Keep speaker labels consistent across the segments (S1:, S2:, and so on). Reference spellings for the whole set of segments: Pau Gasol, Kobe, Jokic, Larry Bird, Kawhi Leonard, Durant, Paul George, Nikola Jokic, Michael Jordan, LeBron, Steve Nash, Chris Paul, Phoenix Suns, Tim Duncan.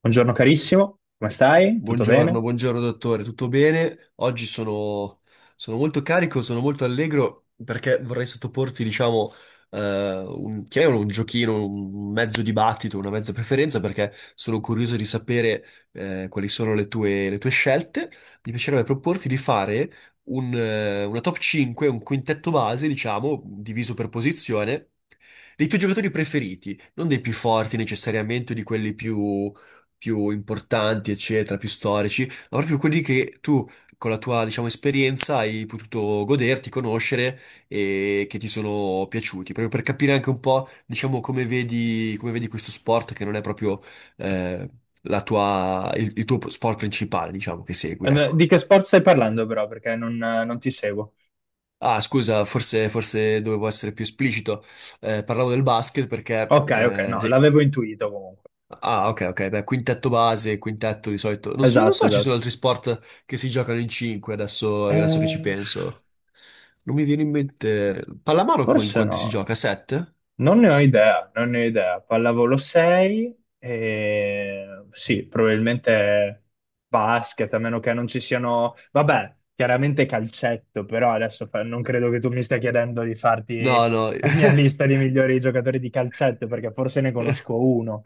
S1: Buongiorno carissimo, come stai? Tutto
S2: Buongiorno,
S1: bene?
S2: buongiorno dottore, tutto bene? Oggi sono, sono molto carico, sono molto allegro perché vorrei sottoporti, diciamo, un, chiamiamolo un giochino, un mezzo dibattito, una mezza preferenza perché sono curioso di sapere quali sono le tue scelte. Mi piacerebbe proporti di fare un, una top 5, un quintetto base, diciamo, diviso per posizione, dei tuoi giocatori preferiti, non dei più forti necessariamente o di quelli più più importanti, eccetera, più storici, ma proprio quelli che tu con la tua, diciamo, esperienza hai potuto goderti, conoscere e che ti sono piaciuti, proprio per capire anche un po', diciamo, come vedi questo sport che non è proprio eh, la tua, il tuo sport principale, diciamo, che segui,
S1: Di
S2: ecco.
S1: che sport stai parlando però? Perché non ti seguo.
S2: Ah, scusa, forse, forse dovevo essere più esplicito. Parlavo del basket perché
S1: Ok, ok, no,
S2: sì.
S1: l'avevo intuito comunque.
S2: Ah, ok, ok, beh, quintetto base, quintetto di solito. Non so, non
S1: Esatto,
S2: so, ci sono
S1: esatto.
S2: altri sport che si giocano in 5 adesso, adesso che ci
S1: Eh,
S2: penso. Non mi viene in mente. Pallamano co- in
S1: forse
S2: quanti si
S1: no,
S2: gioca? 7?
S1: non ne ho idea, non ne ho idea. Pallavolo 6 e sì, probabilmente basket, a meno che non ci siano... Vabbè, chiaramente calcetto, però adesso non credo che tu mi stia chiedendo di farti
S2: No, no,
S1: la mia lista di migliori giocatori di calcetto, perché forse ne conosco uno.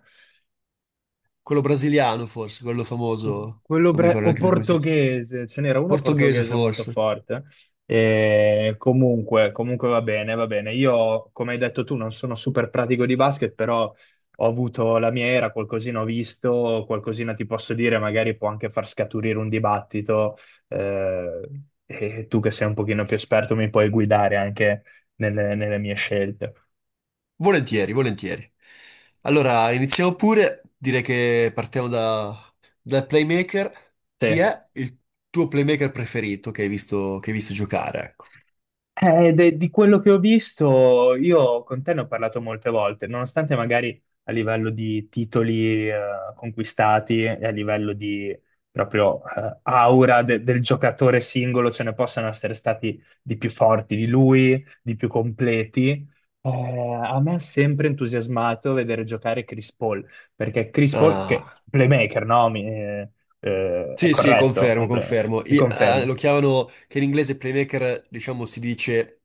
S2: quello brasiliano forse, quello
S1: Que-
S2: famoso.
S1: Quello
S2: Non mi ricordo
S1: o
S2: neanche più come si chiama.
S1: portoghese, ce n'era uno
S2: Portoghese
S1: portoghese molto
S2: forse.
S1: forte. E comunque va bene, va bene. Io, come hai detto tu, non sono super pratico di basket, però ho avuto la mia era, qualcosina ho visto, qualcosina ti posso dire, magari può anche far scaturire un dibattito. eh, e tu che sei un pochino più esperto mi puoi guidare anche nelle mie scelte.
S2: Volentieri, volentieri. Allora, iniziamo pure. Direi che partiamo da, dal playmaker. Chi
S1: Sì.
S2: è il tuo playmaker preferito che hai visto giocare? Ecco.
S1: Di quello che ho visto, io con te ne ho parlato molte volte, nonostante magari a livello di titoli conquistati e a livello di proprio aura del giocatore singolo ce ne possano essere stati di più forti di lui, di più completi. A me ha sempre entusiasmato vedere giocare Chris Paul, perché Chris Paul, che
S2: Ah.
S1: playmaker, no? È
S2: Sì, sì,
S1: corretto, è
S2: confermo,
S1: un
S2: confermo.
S1: mi
S2: I-
S1: confermi.
S2: lo chiamano, che in inglese playmaker, diciamo, si dice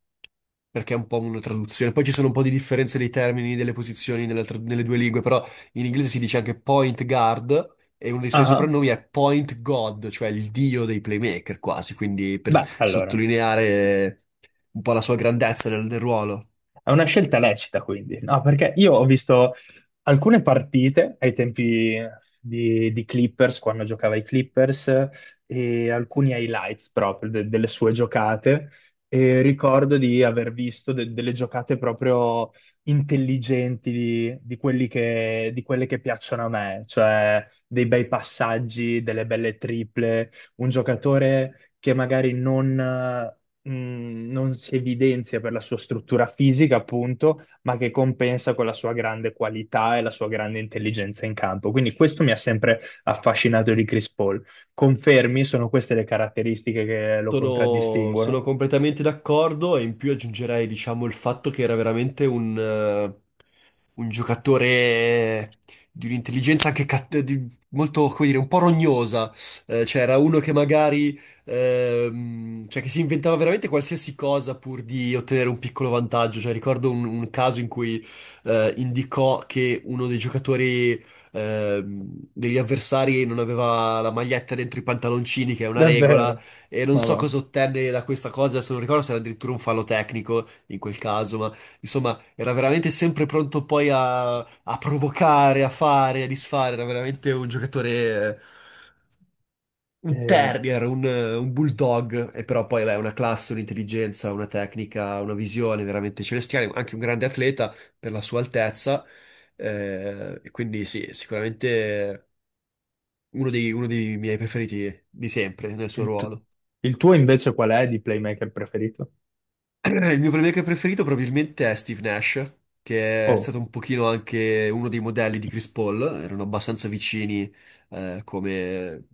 S2: perché è un po' una traduzione. Poi ci sono un po' di differenze dei termini, delle posizioni nella tra- nelle due lingue, però in inglese si dice anche point guard e uno dei suoi
S1: Ah,
S2: soprannomi è point god, cioè il dio dei playmaker quasi, quindi per
S1: beh, allora.
S2: sottolineare un po' la sua grandezza nel, nel ruolo.
S1: È una scelta lecita, quindi, no? Perché io ho visto, alcune partite ai tempi di Clippers, quando giocava ai Clippers, e alcuni highlights proprio delle sue giocate. E ricordo di aver visto delle giocate proprio intelligenti di di quelle che piacciono a me, cioè dei bei passaggi, delle belle triple, un giocatore che magari non si evidenzia per la sua struttura fisica, appunto, ma che compensa con la sua grande qualità e la sua grande intelligenza in campo. Quindi questo mi ha sempre affascinato di Chris Paul. Confermi, sono queste le caratteristiche che lo
S2: Sono,
S1: contraddistinguono?
S2: sono completamente d'accordo e in più aggiungerei, diciamo, il fatto che era veramente un giocatore di un'intelligenza anche cat- di- molto, come dire, un po' rognosa. Cioè, era uno che magari, cioè, che si inventava veramente qualsiasi cosa pur di ottenere un piccolo vantaggio. Cioè, ricordo un caso in cui indicò che uno dei giocatori, degli avversari non aveva la maglietta dentro i pantaloncini, che è una regola,
S1: Davvero?
S2: e non
S1: Ma
S2: so
S1: va.
S2: cosa ottenne da questa cosa, se non ricordo se era addirittura un fallo tecnico in quel caso, ma insomma era veramente sempre pronto poi a, a provocare, a fare, a disfare. Era veramente un giocatore, eh, un
S1: Eh,
S2: terrier, un bulldog. E però poi, beh, una classe, un'intelligenza, una tecnica, una visione veramente celestiale. Anche un grande atleta per la sua altezza. E quindi sì, sicuramente uno dei miei preferiti di sempre nel suo
S1: il, tu-
S2: ruolo.
S1: il tuo invece qual è di playmaker preferito?
S2: Il mio playmaker preferito probabilmente è Steve Nash, che è
S1: Oh,
S2: stato un pochino anche uno dei modelli di Chris Paul, erano abbastanza vicini, come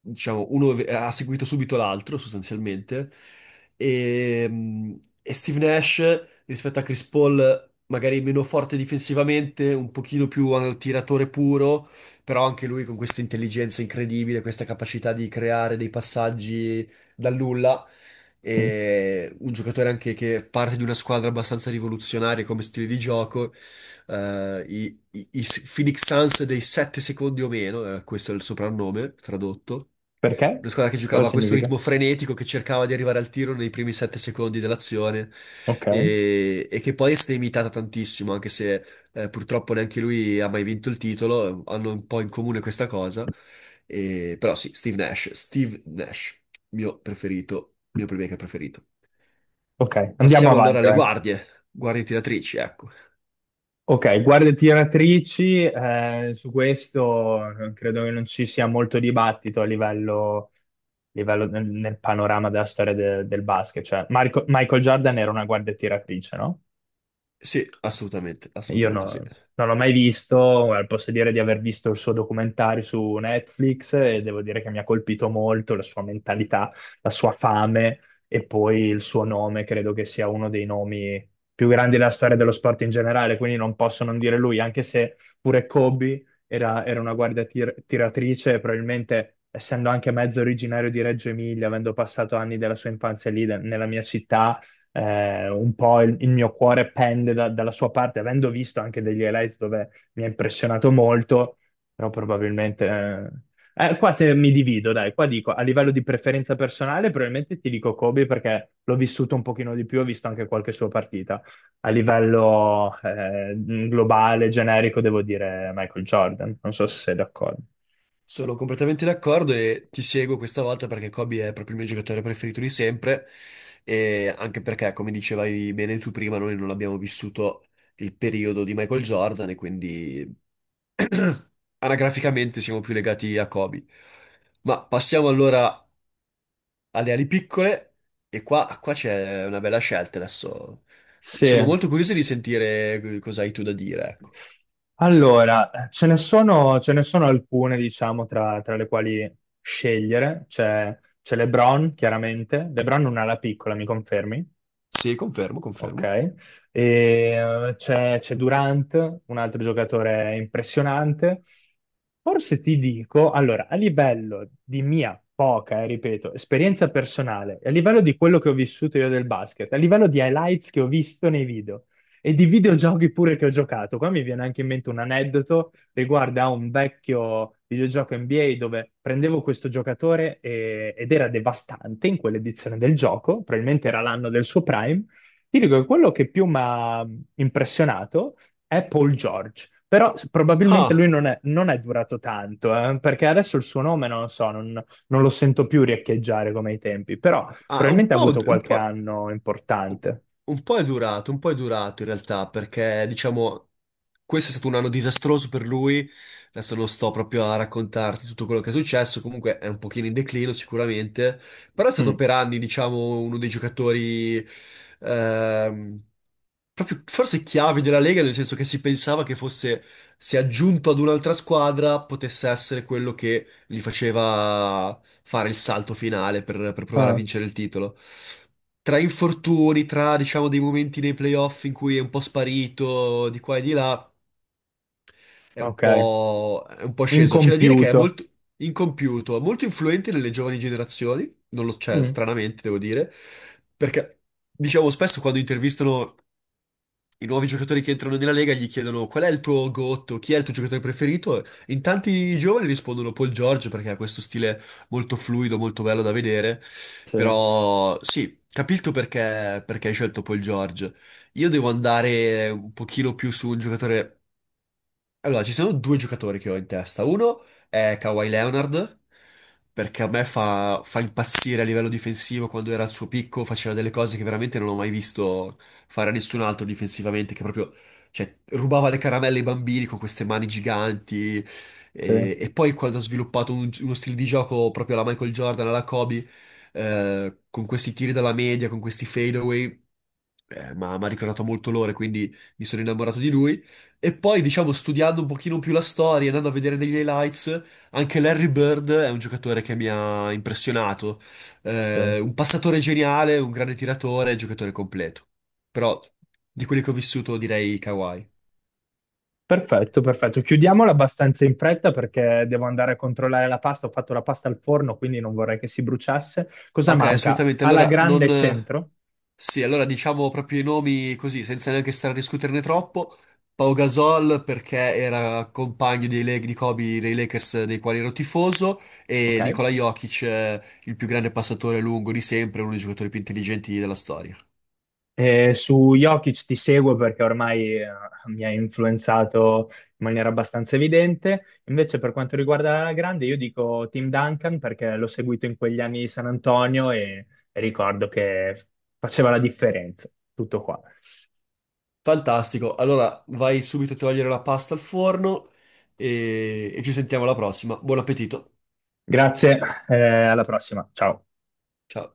S2: diciamo, uno ve- ha seguito subito l'altro sostanzialmente. E Steve Nash rispetto a Chris Paul, magari meno forte difensivamente, un pochino più tiratore puro, però anche lui con questa intelligenza incredibile, questa capacità di creare dei passaggi dal nulla
S1: mm,
S2: e un giocatore anche che parte di una squadra abbastanza rivoluzionaria come stile di gioco, i Phoenix Suns dei 7 secondi o meno, questo è il soprannome tradotto.
S1: perché?
S2: Una squadra che
S1: Cosa
S2: giocava a questo
S1: significa?
S2: ritmo frenetico, che cercava di arrivare al tiro nei primi 7 secondi dell'azione
S1: Ok,
S2: e che poi è stata imitata tantissimo, anche se purtroppo neanche lui ha mai vinto il titolo, hanno un po' in comune questa cosa. E- però sì, Steve Nash, mio preferito, mio playmaker preferito.
S1: ok, andiamo
S2: Passiamo allora
S1: avanti,
S2: alle
S1: vai.
S2: guardie, guardie tiratrici, ecco.
S1: Ok, guardie tiratrici, su questo credo che non ci sia molto dibattito a livello nel, nel panorama della storia del basket. Cioè, Michael Jordan era una guardia tiratrice, no?
S2: Sì, assolutamente,
S1: Io
S2: assolutamente
S1: no-
S2: sì.
S1: Non l'ho mai visto, posso dire di aver visto il suo documentario su Netflix e devo dire che mi ha colpito molto la sua mentalità, la sua fame e poi il suo nome, credo che sia uno dei nomi più grandi della storia dello sport in generale, quindi non posso non dire lui, anche se pure Kobe era una guardia tiratrice, e probabilmente essendo anche mezzo originario di Reggio Emilia, avendo passato anni della sua infanzia lì, nella mia città un po' il mio cuore pende dalla sua parte, avendo visto anche degli highlights dove mi ha impressionato molto, però qua se mi divido, dai, qua dico, a livello di preferenza personale, probabilmente ti dico Kobe perché l'ho vissuto un pochino di più, ho visto anche qualche sua partita. A livello globale, generico, devo dire Michael Jordan, non so se sei d'accordo.
S2: Sono completamente d'accordo e ti seguo questa volta perché Kobe è proprio il mio giocatore preferito di sempre e anche perché, come dicevi bene tu prima, noi non abbiamo vissuto il periodo di Michael Jordan e quindi anagraficamente siamo più legati a Kobe. Ma passiamo allora alle ali piccole e qua, qua c'è una bella scelta adesso. Sono
S1: Sì.
S2: molto curioso di sentire cosa hai tu da dire, ecco.
S1: Allora, ce ne sono alcune, diciamo, tra le quali scegliere. C'è LeBron, chiaramente. LeBron non ha la piccola, mi confermi?
S2: Sì, confermo,
S1: Ok.
S2: confermo.
S1: E, c'è Durant, un altro giocatore impressionante. Forse ti dico, allora, a livello di mia poca, ripeto, esperienza personale, e a livello di quello che ho vissuto io del basket, a livello di highlights che ho visto nei video e di videogiochi pure che ho giocato, qua mi viene anche in mente un aneddoto riguardo a un vecchio videogioco NBA dove prendevo questo giocatore ed era devastante in quell'edizione del gioco, probabilmente era l'anno del suo prime, ti dico che quello che più mi ha impressionato è Paul George, però probabilmente lui
S2: Ah,
S1: non è, non è durato tanto, perché adesso il suo nome non lo so, non, non lo sento più riecheggiare come ai tempi, però
S2: ah, un
S1: probabilmente ha
S2: po',
S1: avuto
S2: un
S1: qualche
S2: po'.
S1: anno importante.
S2: Un po' è durato, un po' è durato in realtà, perché diciamo questo è stato un anno disastroso per lui, adesso non sto proprio a raccontarti tutto quello che è successo, comunque è un pochino in declino sicuramente, però è stato
S1: Mm.
S2: per anni diciamo uno dei giocatori ehm, proprio forse chiavi della Lega, nel senso che si pensava che fosse, se aggiunto ad un'altra squadra, potesse essere quello che gli faceva fare il salto finale per provare a
S1: Ah,
S2: vincere il titolo. Tra infortuni, tra diciamo dei momenti nei playoff in cui è un po' sparito di qua e di là,
S1: ok,
S2: è un po' sceso. C'è da dire che è
S1: incompiuto.
S2: molto incompiuto, molto influente nelle giovani generazioni, non lo, cioè,
S1: Mm.
S2: stranamente devo dire, perché diciamo spesso quando intervistano i nuovi giocatori che entrano nella Lega gli chiedono qual è il tuo gotto, chi è il tuo giocatore preferito. E in tanti giovani rispondono Paul George perché ha questo stile molto fluido, molto bello da vedere.
S1: Sì,
S2: Però sì, capisco perché, perché hai scelto Paul George. Io devo andare un pochino più su un giocatore allora, ci sono due giocatori che ho in testa. Uno è Kawhi Leonard, perché a me fa impazzire a livello difensivo. Quando era al suo picco faceva delle cose che veramente non ho mai visto fare a nessun altro difensivamente, che proprio, cioè, rubava le caramelle ai bambini con queste mani giganti.
S1: sì,
S2: E poi quando ha sviluppato un- uno stile di gioco proprio alla Michael Jordan, alla Kobe, con questi tiri dalla media, con questi fadeaway, ma mi ha ricordato molto l'ore, quindi mi sono innamorato di lui. E poi, diciamo, studiando un pochino più la storia, andando a vedere degli highlights, anche Larry Bird è un giocatore che mi ha impressionato.
S1: sì.
S2: Un passatore geniale, un grande tiratore, giocatore completo. Però di quelli che ho vissuto direi Kawhi.
S1: Perfetto, perfetto. Chiudiamola abbastanza in fretta perché devo andare a controllare la pasta. Ho fatto la pasta al forno, quindi non vorrei che si bruciasse. Cosa
S2: Ok,
S1: manca?
S2: assolutamente.
S1: Alla
S2: Allora,
S1: grande
S2: non,
S1: centro,
S2: sì, allora diciamo proprio i nomi così, senza neanche stare a discuterne troppo. Pau Gasol perché era compagno dei, Lak- di Kobe dei Lakers dei quali ero tifoso e
S1: ok?
S2: Nikola Jokic, il più grande passatore lungo di sempre, uno dei giocatori più intelligenti della storia.
S1: E su Jokic ti seguo perché ormai mi ha influenzato in maniera abbastanza evidente. Invece per quanto riguarda la grande, io dico Tim Duncan perché l'ho seguito in quegli anni di San Antonio e ricordo che faceva la differenza. Tutto qua.
S2: Fantastico, allora vai subito a togliere la pasta al forno e ci sentiamo alla prossima. Buon appetito.
S1: Grazie, eh, alla prossima. Ciao.
S2: Ciao.